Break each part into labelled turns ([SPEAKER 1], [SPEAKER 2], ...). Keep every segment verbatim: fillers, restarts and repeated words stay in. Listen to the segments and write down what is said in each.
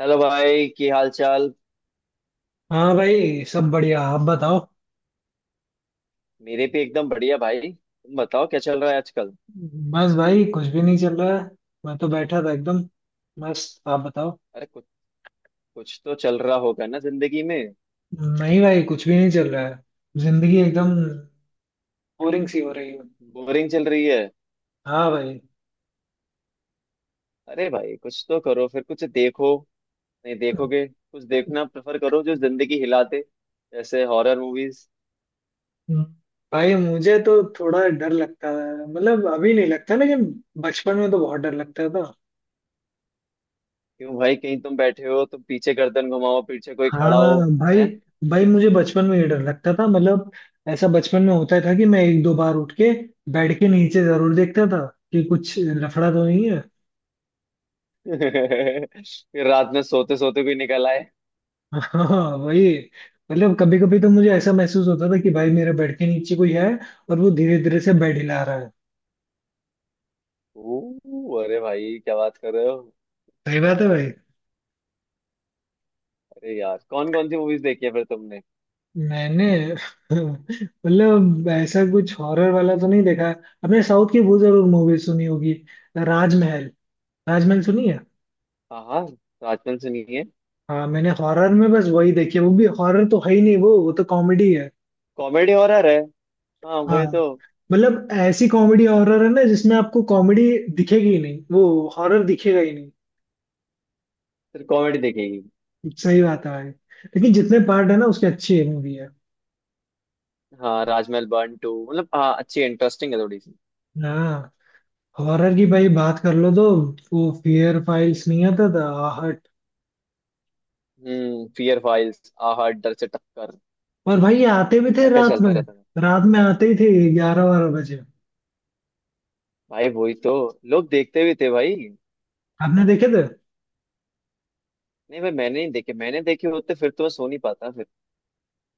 [SPEAKER 1] Hello भाई। की हाल चाल।
[SPEAKER 2] हाँ भाई सब बढ़िया। आप बताओ।
[SPEAKER 1] मेरे भी एकदम बढ़िया भाई तुम बताओ क्या चल रहा है आजकल।
[SPEAKER 2] बस भाई कुछ भी नहीं चल रहा है। मैं तो बैठा था एकदम मस्त। आप बताओ।
[SPEAKER 1] अरे कुछ कुछ तो चल रहा होगा ना जिंदगी में।
[SPEAKER 2] नहीं भाई कुछ भी नहीं चल रहा है। जिंदगी एकदम बोरिंग सी हो रही है।
[SPEAKER 1] बोरिंग चल रही है।
[SPEAKER 2] हाँ भाई।
[SPEAKER 1] अरे भाई कुछ तो करो फिर कुछ देखो। नहीं देखोगे कुछ देखना प्रेफर करो जो जिंदगी हिला दे। जैसे हॉरर मूवीज।
[SPEAKER 2] हम्म। भाई मुझे तो थोड़ा डर लगता है, मतलब अभी नहीं लगता लेकिन बचपन में तो बहुत डर लगता था।
[SPEAKER 1] क्यों भाई कहीं तुम बैठे हो तुम पीछे गर्दन घुमाओ पीछे कोई खड़ा
[SPEAKER 2] हाँ
[SPEAKER 1] हो।
[SPEAKER 2] भाई।
[SPEAKER 1] हैं।
[SPEAKER 2] भाई मुझे बचपन में ये डर लगता था, मतलब ऐसा बचपन में होता था कि मैं एक दो बार उठ के बेड के नीचे जरूर देखता था कि कुछ लफड़ा तो नहीं है।
[SPEAKER 1] फिर रात में सोते सोते कोई निकल आए।
[SPEAKER 2] हाँ वही। मतलब कभी कभी तो मुझे ऐसा महसूस होता था कि भाई मेरे बेड के नीचे कोई है और वो धीरे धीरे से बेड हिला रहा है।
[SPEAKER 1] ओ अरे भाई क्या बात कर रहे हो।
[SPEAKER 2] सही बात है भाई।
[SPEAKER 1] अरे यार कौन कौन सी मूवीज देखी है फिर।
[SPEAKER 2] मैंने मतलब ऐसा कुछ हॉरर वाला तो नहीं देखा। आपने साउथ की वो जरूर मूवी सुनी होगी, राजमहल। राजमहल सुनी है।
[SPEAKER 1] हाँ हाँ। राजमहल सुनी है।
[SPEAKER 2] हाँ मैंने हॉरर में बस वही देखी है, वो भी हॉरर तो है ही नहीं, वो वो तो कॉमेडी है।
[SPEAKER 1] कॉमेडी हॉरर है। हाँ
[SPEAKER 2] हाँ
[SPEAKER 1] वही तो।
[SPEAKER 2] मतलब ऐसी कॉमेडी हॉरर है ना जिसमें आपको कॉमेडी दिखेगी ही नहीं, वो हॉरर दिखेगा ही नहीं।
[SPEAKER 1] फिर कॉमेडी देखेगी।
[SPEAKER 2] सही बात है भाई। लेकिन जितने पार्ट है ना उसके अच्छी मूवी है।
[SPEAKER 1] हाँ राजमहल वन टू मतलब हाँ अच्छी इंटरेस्टिंग है थोड़ी सी।
[SPEAKER 2] हाँ। हॉरर की भाई बात कर लो तो वो फियर फाइल्स नहीं आता था, आहट?
[SPEAKER 1] हम्म। फियर फाइल्स आहा डर से टक्कर।
[SPEAKER 2] और भाई ये आते भी थे
[SPEAKER 1] क्या क्या
[SPEAKER 2] रात में।
[SPEAKER 1] चलता रहता था।
[SPEAKER 2] रात में आते ही थे, ग्यारह बारह बजे।
[SPEAKER 1] भाई वही तो। लोग देखते भी थे भाई।
[SPEAKER 2] आपने देखे थे?
[SPEAKER 1] नहीं भाई मैंने नहीं देखे मैंने देखे होते फिर तो मैं सो नहीं पाता फिर।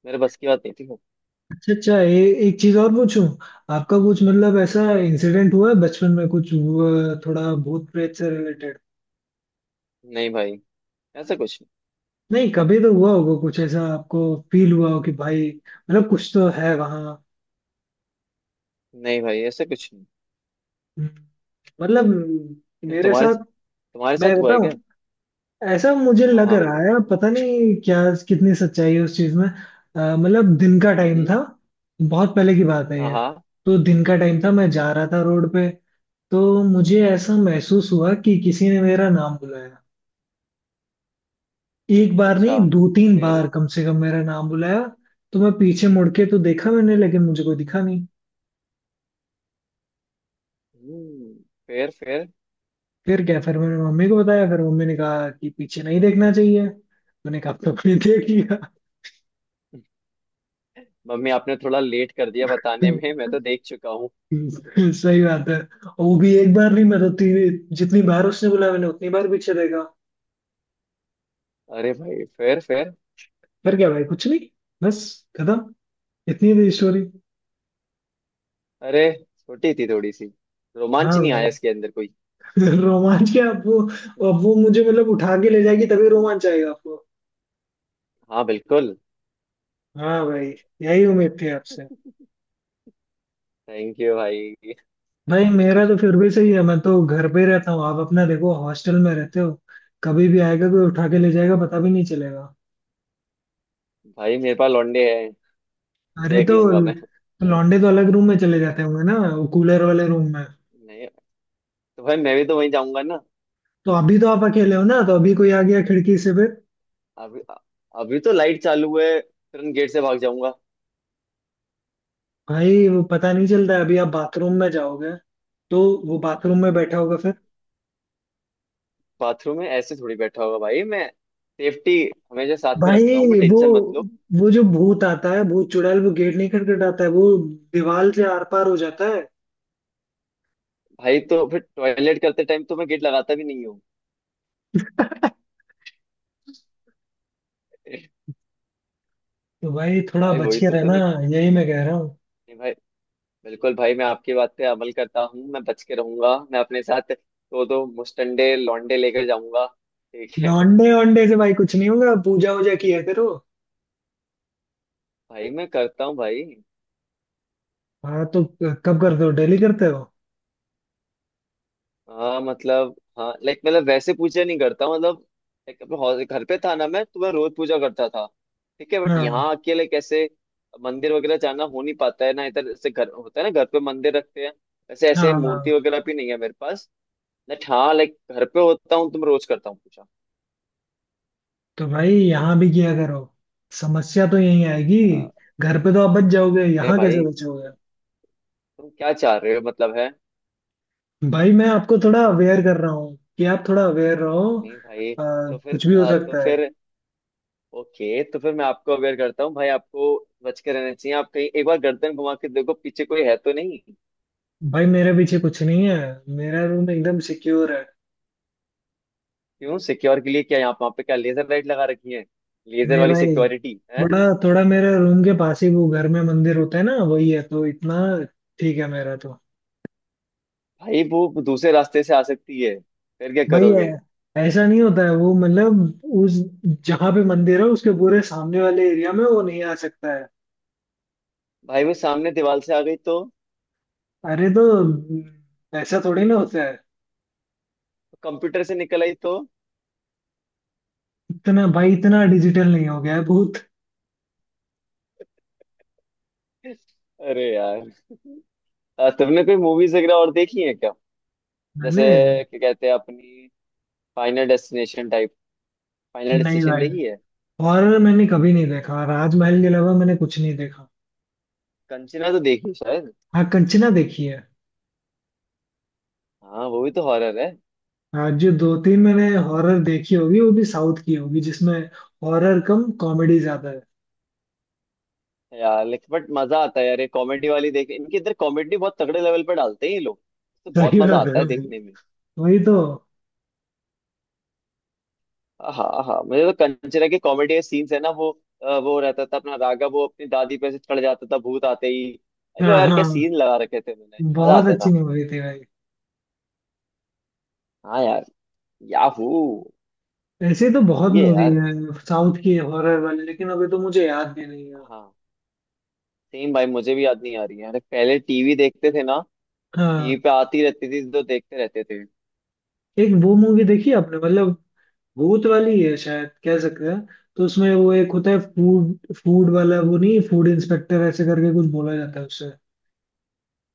[SPEAKER 1] मेरे बस की बात नहीं थी वो।
[SPEAKER 2] अच्छा अच्छा। ए, एक चीज और पूछूं। आपका कुछ मतलब ऐसा इंसिडेंट हुआ है बचपन में कुछ हुआ, थोड़ा भूत प्रेत से रिलेटेड?
[SPEAKER 1] नहीं भाई ऐसा कुछ
[SPEAKER 2] नहीं कभी तो हुआ होगा कुछ ऐसा आपको फील हुआ हो कि भाई मतलब कुछ तो है वहाँ।
[SPEAKER 1] नहीं। नहीं भाई ऐसा कुछ नहीं।
[SPEAKER 2] हम्म, मतलब
[SPEAKER 1] ये
[SPEAKER 2] मेरे
[SPEAKER 1] तुम्हारे साथ।
[SPEAKER 2] साथ।
[SPEAKER 1] तुम्हारे
[SPEAKER 2] मैं
[SPEAKER 1] साथ हुआ है
[SPEAKER 2] बताऊं।
[SPEAKER 1] क्या।
[SPEAKER 2] ऐसा मुझे
[SPEAKER 1] हाँ
[SPEAKER 2] लग
[SPEAKER 1] हाँ।
[SPEAKER 2] रहा है, पता नहीं क्या कितनी सच्चाई है उस चीज में। अ, मतलब दिन का टाइम
[SPEAKER 1] हम्म।
[SPEAKER 2] था। बहुत पहले की बात है ये।
[SPEAKER 1] हाँ।
[SPEAKER 2] तो दिन का टाइम था, मैं जा रहा था रोड पे। तो मुझे ऐसा महसूस हुआ कि किसी ने मेरा नाम बुलाया। एक बार नहीं,
[SPEAKER 1] अच्छा।
[SPEAKER 2] दो तीन
[SPEAKER 1] फिर।
[SPEAKER 2] बार कम से कम मेरा नाम बुलाया। तो मैं पीछे मुड़ के तो देखा मैंने, लेकिन मुझे कोई दिखा नहीं।
[SPEAKER 1] हम्म। फिर फिर।
[SPEAKER 2] फिर क्या, फिर मैंने मम्मी को बताया, फिर मम्मी ने कहा कि पीछे नहीं देखना चाहिए, मैंने कहा तो मैंने देख
[SPEAKER 1] मम्मी आपने थोड़ा लेट कर दिया बताने
[SPEAKER 2] लिया।
[SPEAKER 1] में मैं तो देख चुका हूँ।
[SPEAKER 2] हम्म, सही बात है। और वो भी एक बार नहीं, मैं तो तीन जितनी बार उसने बोला मैंने उतनी बार पीछे देखा।
[SPEAKER 1] अरे भाई फिर फिर।
[SPEAKER 2] फिर क्या भाई, कुछ नहीं। बस खत्म। इतनी थी स्टोरी।
[SPEAKER 1] अरे छोटी थी थोड़ी सी। रोमांच
[SPEAKER 2] हाँ
[SPEAKER 1] नहीं
[SPEAKER 2] भाई।
[SPEAKER 1] आया इसके अंदर कोई।
[SPEAKER 2] रोमांच क्या? अब वो अब वो मुझे मतलब उठा के ले जाएगी तभी रोमांच आएगा आपको।
[SPEAKER 1] हाँ बिल्कुल।
[SPEAKER 2] हाँ भाई। यही उम्मीद थी आपसे।
[SPEAKER 1] थैंक यू भाई।
[SPEAKER 2] भाई मेरा तो फिर भी सही है, मैं तो घर पे ही रहता हूँ। आप अपना देखो, हॉस्टल में रहते हो। कभी भी आएगा कोई उठा के ले जाएगा, पता भी नहीं चलेगा।
[SPEAKER 1] भाई मेरे पास लौंडे हैं।
[SPEAKER 2] अरे
[SPEAKER 1] देख
[SPEAKER 2] तो
[SPEAKER 1] लूंगा मैं।
[SPEAKER 2] लौंडे तो अलग रूम में चले जाते होंगे ना, वो कूलर वाले रूम।
[SPEAKER 1] नहीं। तो भाई मैं भी तो वहीं जाऊंगा ना।
[SPEAKER 2] तो अभी तो आप अकेले हो ना, तो अभी कोई आ गया खिड़की से फिर?
[SPEAKER 1] अभी। अभी तो लाइट चालू है। तुरंत गेट से भाग जाऊंगा।
[SPEAKER 2] भाई वो पता नहीं चलता है, अभी आप बाथरूम में जाओगे तो वो बाथरूम में बैठा होगा फिर।
[SPEAKER 1] बाथरूम में ऐसे थोड़ी बैठा होगा भाई मैं। सेफ्टी हमेशा साथ में रखता हूँ मैं।
[SPEAKER 2] भाई वो
[SPEAKER 1] टेंशन मत लो।
[SPEAKER 2] वो जो भूत आता है, भूत चुड़ैल, वो गेट नहीं खटखटाता है, वो दीवार से आर पार हो जाता है।
[SPEAKER 1] भाई तो फिर टॉयलेट करते टाइम तो मैं गेट लगाता भी नहीं हूँ।
[SPEAKER 2] तो भाई थोड़ा
[SPEAKER 1] भाई
[SPEAKER 2] बच
[SPEAKER 1] वही
[SPEAKER 2] के
[SPEAKER 1] तो फिर
[SPEAKER 2] रहना।
[SPEAKER 1] नहीं।
[SPEAKER 2] यही मैं कह रहा हूँ।
[SPEAKER 1] भाई बिल्कुल भाई मैं आपकी बात पे अमल करता हूँ। मैं बच के रहूंगा। मैं अपने साथ दो दो मुस्टंडे लौंडे लेकर जाऊंगा। ठीक है।
[SPEAKER 2] लौंडे वोंडे से भाई कुछ नहीं होगा, पूजा वूजा किया करो।
[SPEAKER 1] भाई मैं करता हूँ भाई।
[SPEAKER 2] हाँ तो कब करते हो, डेली करते हो?
[SPEAKER 1] हाँ मतलब हाँ लाइक मतलब वैसे पूजा नहीं करता हूँ, मतलब लाइक अपने हौस- घर पे था ना मैं तो मैं रोज पूजा करता था। ठीक है बट
[SPEAKER 2] हाँ
[SPEAKER 1] यहाँ अकेले कैसे। मंदिर वगैरह जाना हो नहीं पाता है ना इधर से। घर होता है ना घर पे मंदिर रखते हैं। वैसे
[SPEAKER 2] हाँ।
[SPEAKER 1] ऐसे मूर्ति
[SPEAKER 2] हाँ।
[SPEAKER 1] वगैरह भी नहीं है मेरे पास। बट हाँ लाइक घर पे होता हूँ तो मैं रोज करता हूँ पूजा।
[SPEAKER 2] तो भाई यहाँ भी किया करो, समस्या तो यही आएगी।
[SPEAKER 1] हाँ।
[SPEAKER 2] घर पे तो आप बच जाओगे,
[SPEAKER 1] अरे
[SPEAKER 2] यहाँ
[SPEAKER 1] भाई
[SPEAKER 2] कैसे बचोगे?
[SPEAKER 1] तु, तुम क्या चाह रहे हो मतलब है।
[SPEAKER 2] भाई मैं आपको थोड़ा अवेयर
[SPEAKER 1] कि
[SPEAKER 2] कर रहा हूँ कि आप थोड़ा अवेयर रहो।
[SPEAKER 1] नहीं भाई।
[SPEAKER 2] अ,
[SPEAKER 1] तो फिर
[SPEAKER 2] कुछ भी हो
[SPEAKER 1] अ, तो
[SPEAKER 2] सकता है।
[SPEAKER 1] फिर ओके तो फिर मैं आपको अवेयर करता हूँ भाई। आपको बच के रहना चाहिए। आप कहीं एक बार गर्दन घुमा के देखो पीछे कोई है तो नहीं।
[SPEAKER 2] भाई मेरे पीछे कुछ नहीं है, मेरा रूम एकदम सिक्योर है।
[SPEAKER 1] क्यों सिक्योर के लिए क्या यहाँ वहाँ पे क्या लेजर लाइट लगा रखी है। लेजर
[SPEAKER 2] मैं
[SPEAKER 1] वाली
[SPEAKER 2] भाई
[SPEAKER 1] सिक्योरिटी है।
[SPEAKER 2] थोड़ा, थोड़ा मेरे रूम के पास ही वो घर में मंदिर होता है ना, वही है, तो इतना ठीक है मेरा तो।
[SPEAKER 1] भाई वो दूसरे रास्ते से आ सकती है। फिर क्या
[SPEAKER 2] भाई ऐ-
[SPEAKER 1] करोगे।
[SPEAKER 2] ऐसा नहीं होता है वो, मतलब उस जहाँ पे मंदिर है उसके पूरे सामने वाले एरिया में वो नहीं आ सकता है।
[SPEAKER 1] भाई वो सामने दीवार से आ गई तो।
[SPEAKER 2] अरे तो ऐसा थोड़ी ना होता है।
[SPEAKER 1] कंप्यूटर से निकल आई तो।
[SPEAKER 2] इतना भाई इतना डिजिटल नहीं हो गया है भूत।
[SPEAKER 1] अरे यार अ, तुमने कोई मूवीज वगैरह और देखी है क्या। जैसे
[SPEAKER 2] मैंने।
[SPEAKER 1] क्या कहते हैं अपनी फाइनल डेस्टिनेशन टाइप। फाइनल
[SPEAKER 2] नहीं
[SPEAKER 1] डेस्टिनेशन
[SPEAKER 2] भाई
[SPEAKER 1] देखी है।
[SPEAKER 2] हॉरर मैंने कभी नहीं देखा, राजमहल के अलावा मैंने कुछ नहीं देखा।
[SPEAKER 1] कंचना तो देखी है शायद।
[SPEAKER 2] हाँ कंचना देखी है।
[SPEAKER 1] हाँ वो भी तो हॉरर है।
[SPEAKER 2] हाँ जो दो तीन मैंने हॉरर देखी होगी वो भी साउथ की होगी जिसमें हॉरर कम कॉमेडी ज्यादा है।
[SPEAKER 1] यार लेकिन बट मजा आता है यार ये कॉमेडी वाली देख। इनके इधर कॉमेडी बहुत तगड़े लेवल पर डालते हैं ये लोग। तो बहुत
[SPEAKER 2] सही
[SPEAKER 1] मजा
[SPEAKER 2] बात है
[SPEAKER 1] आता है
[SPEAKER 2] भाई,
[SPEAKER 1] देखने में।
[SPEAKER 2] वही तो।
[SPEAKER 1] हाँ हाँ मुझे तो कंचना के कॉमेडी के सीन्स है ना वो अ, वो रहता था अपना राघव वो अपनी दादी पे से चढ़ जाता था भूत आते ही। अरे वो
[SPEAKER 2] हाँ
[SPEAKER 1] यार
[SPEAKER 2] हाँ
[SPEAKER 1] क्या सीन लगा रखे थे। मैंने मजा
[SPEAKER 2] बहुत
[SPEAKER 1] आता
[SPEAKER 2] अच्छी
[SPEAKER 1] था।
[SPEAKER 2] मूवी थी भाई।
[SPEAKER 1] हाँ यार। याहू।
[SPEAKER 2] ऐसे तो बहुत
[SPEAKER 1] सही है
[SPEAKER 2] मूवी
[SPEAKER 1] यार।
[SPEAKER 2] है साउथ की हॉरर वाली, लेकिन अभी तो मुझे याद भी नहीं है।
[SPEAKER 1] हाँ सेम भाई मुझे भी याद नहीं आ रही है। अरे पहले टीवी देखते थे ना तो टीवी
[SPEAKER 2] हाँ।
[SPEAKER 1] पे आती रहती थी तो देखते रहते थे।
[SPEAKER 2] एक वो मूवी देखी आपने, मतलब भूत वाली है शायद कह सकते हैं। तो उसमें वो एक होता है फूड फूड वाला, वो नहीं, फूड इंस्पेक्टर ऐसे करके कुछ बोला जाता है उससे।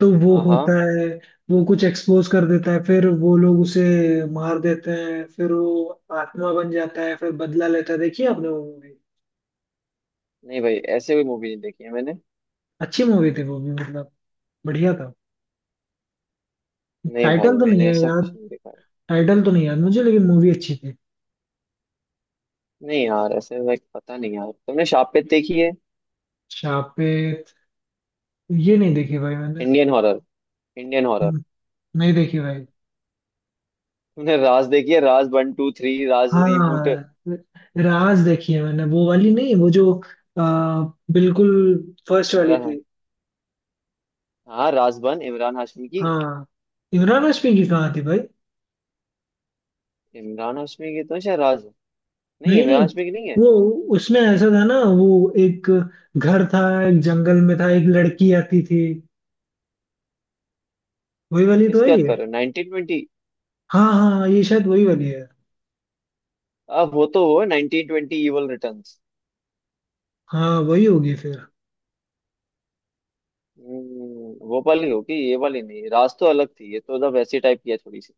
[SPEAKER 2] तो वो होता
[SPEAKER 1] हाँ।
[SPEAKER 2] है, वो कुछ एक्सपोज कर देता है, फिर वो लोग उसे मार देते हैं, फिर वो आत्मा बन जाता है, फिर बदला लेता है। देखिए आपने वो मूवी?
[SPEAKER 1] नहीं भाई ऐसे कोई मूवी नहीं देखी है मैंने।
[SPEAKER 2] अच्छी मूवी थी वो भी, मतलब बढ़िया था।
[SPEAKER 1] नहीं भाई
[SPEAKER 2] टाइटल तो नहीं
[SPEAKER 1] मैंने
[SPEAKER 2] है
[SPEAKER 1] ऐसा कुछ
[SPEAKER 2] याद,
[SPEAKER 1] नहीं देखा है।
[SPEAKER 2] टाइटल तो नहीं याद मुझे, लेकिन मूवी अच्छी थी।
[SPEAKER 1] नहीं यार ऐसे लाइक पता नहीं यार तुमने शापित देखी है।
[SPEAKER 2] शापित ये नहीं देखी भाई मैंने।
[SPEAKER 1] Indian horror. Indian horror.
[SPEAKER 2] हम्म, नहीं देखी भाई।
[SPEAKER 1] तुमने राज देखी है Raaz one two three Raaz reboot.
[SPEAKER 2] हाँ राज देखी है मैंने, वो वाली नहीं, वो जो अ, बिल्कुल फर्स्ट वाली
[SPEAKER 1] इमरान हा-
[SPEAKER 2] थी।
[SPEAKER 1] हाँ राज वन इमरान हाशमी की।
[SPEAKER 2] हाँ इमरान हाशमी की कहाँ थी भाई।
[SPEAKER 1] इमरान हाशमी की तो शायद राज है। नहीं
[SPEAKER 2] नहीं
[SPEAKER 1] इमरान
[SPEAKER 2] नहीं,
[SPEAKER 1] हाशमी की नहीं है।
[SPEAKER 2] वो उसमें ऐसा था ना, वो एक घर था, एक जंगल में था, एक लड़की आती थी, वही वाली तो है
[SPEAKER 1] किसकी बात
[SPEAKER 2] ये।
[SPEAKER 1] कर रहे हो नाइनटीन ट्वेंटी।
[SPEAKER 2] हाँ हाँ ये शायद वही वाली है।
[SPEAKER 1] अब वो तो वो नाइनटीन ट्वेंटी इवल रिटर्न्स।
[SPEAKER 2] हाँ वही होगी फिर।
[SPEAKER 1] हम्म, वो वाली होगी ये वाली नहीं। राज तो अलग थी ये तो मतलब वैसी टाइप की है थोड़ी सी।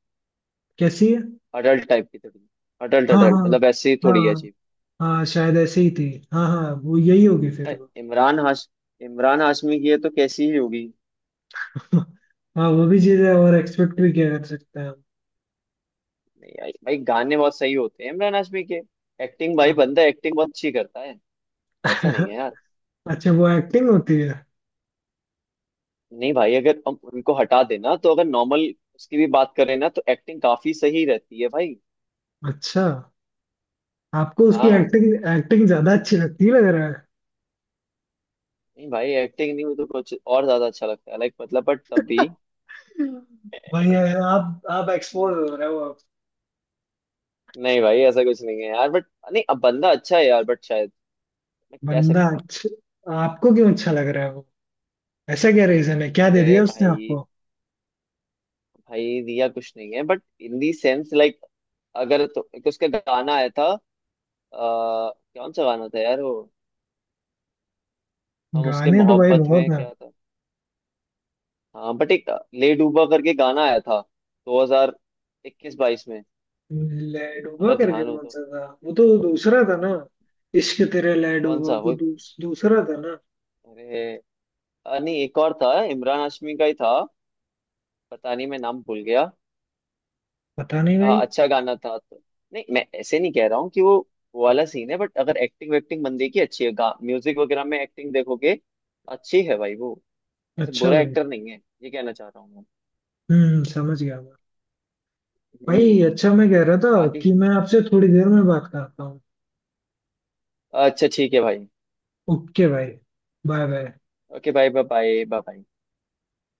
[SPEAKER 2] कैसी है?
[SPEAKER 1] अडल्ट टाइप की थोड़ी। अडल्ट
[SPEAKER 2] हाँ
[SPEAKER 1] अडल्ट
[SPEAKER 2] हाँ।
[SPEAKER 1] मतलब ऐसी थोड़ी है
[SPEAKER 2] हाँ
[SPEAKER 1] अजीब।
[SPEAKER 2] हाँ शायद ऐसे ही थी। हाँ हाँ वो यही होगी
[SPEAKER 1] अ,
[SPEAKER 2] फिर वो।
[SPEAKER 1] इमरान हाश इमरान हाशमी की है तो कैसी ही होगी।
[SPEAKER 2] हाँ वो भी चीजें और एक्सपेक्ट भी किया कर सकते हैं हम।
[SPEAKER 1] नहीं यार, भाई गाने बहुत सही होते हैं इमरान हाशमी के। एक्टिंग भाई
[SPEAKER 2] हाँ।
[SPEAKER 1] बंदा एक्टिंग बहुत अच्छी करता है। ऐसा नहीं है यार।
[SPEAKER 2] अच्छा वो एक्टिंग होती है?
[SPEAKER 1] नहीं भाई अगर हम उनको हटा देना तो अगर नॉर्मल उसकी भी बात करें ना तो एक्टिंग काफी सही रहती है भाई।
[SPEAKER 2] अच्छा आपको उसकी
[SPEAKER 1] हाँ।
[SPEAKER 2] एक्टिंग एक्टिंग ज्यादा अच्छी लगती लग रहा है।
[SPEAKER 1] नहीं भाई एक्टिंग नहीं वो तो कुछ और ज्यादा अच्छा लगता है लाइक मतलब बट तब भी।
[SPEAKER 2] भाई ये आप आप एक्सपोज हो रहे हो आप।
[SPEAKER 1] नहीं भाई ऐसा कुछ नहीं है यार बट नहीं अब बंदा अच्छा है यार बट शायद मैं कह
[SPEAKER 2] बंदा
[SPEAKER 1] सकता हूँ।
[SPEAKER 2] अच्छा आपको क्यों अच्छा लग रहा है वो? ऐसा क्या रीजन है, क्या दे
[SPEAKER 1] अरे
[SPEAKER 2] दिया उसने
[SPEAKER 1] भाई
[SPEAKER 2] आपको?
[SPEAKER 1] भाई दिया कुछ नहीं है but in the sense like अगर तो एक तो उसका गाना आया था आ, कौन सा गाना था यार वो। हम उसके
[SPEAKER 2] गाने तो भाई
[SPEAKER 1] मोहब्बत
[SPEAKER 2] बहुत
[SPEAKER 1] में
[SPEAKER 2] है।
[SPEAKER 1] क्या था। हाँ बट एक ले डूबा करके गाना आया था दो हज़ार इक्कीस बाईस में
[SPEAKER 2] ले डूबो
[SPEAKER 1] अगर
[SPEAKER 2] करके
[SPEAKER 1] ध्यान हो
[SPEAKER 2] कौन
[SPEAKER 1] तो।
[SPEAKER 2] सा था, वो तो दूसरा था ना? इश्क तेरे ले
[SPEAKER 1] कौन सा
[SPEAKER 2] डूबो तो
[SPEAKER 1] वो।
[SPEAKER 2] दूस, दूसरा था ना?
[SPEAKER 1] अरे अ, नहीं एक और था इमरान हाशमी का ही था। पता नहीं मैं नाम भूल गया।
[SPEAKER 2] पता
[SPEAKER 1] बट
[SPEAKER 2] नहीं भाई।
[SPEAKER 1] अच्छा गाना था तो। नहीं मैं ऐसे नहीं कह रहा हूँ कि वो वो वाला सीन है। बट अगर एक्टिंग वैक्टिंग बंदे की अच्छी है म्यूजिक वगैरह में एक्टिंग देखोगे अच्छी है भाई वो। ऐसे
[SPEAKER 2] अच्छा
[SPEAKER 1] बुरा
[SPEAKER 2] भाई।
[SPEAKER 1] एक्टर नहीं है ये कहना चाह रहा हूँ मैं।
[SPEAKER 2] हम्म समझ गया मैं। भाई
[SPEAKER 1] हम्म।
[SPEAKER 2] अच्छा, मैं कह रहा था
[SPEAKER 1] बाकी
[SPEAKER 2] कि मैं आपसे थोड़ी देर में बात करता हूँ।
[SPEAKER 1] अच्छा ठीक है भाई।
[SPEAKER 2] ओके भाई। Bye bye.
[SPEAKER 1] Okay bye bye bye bye.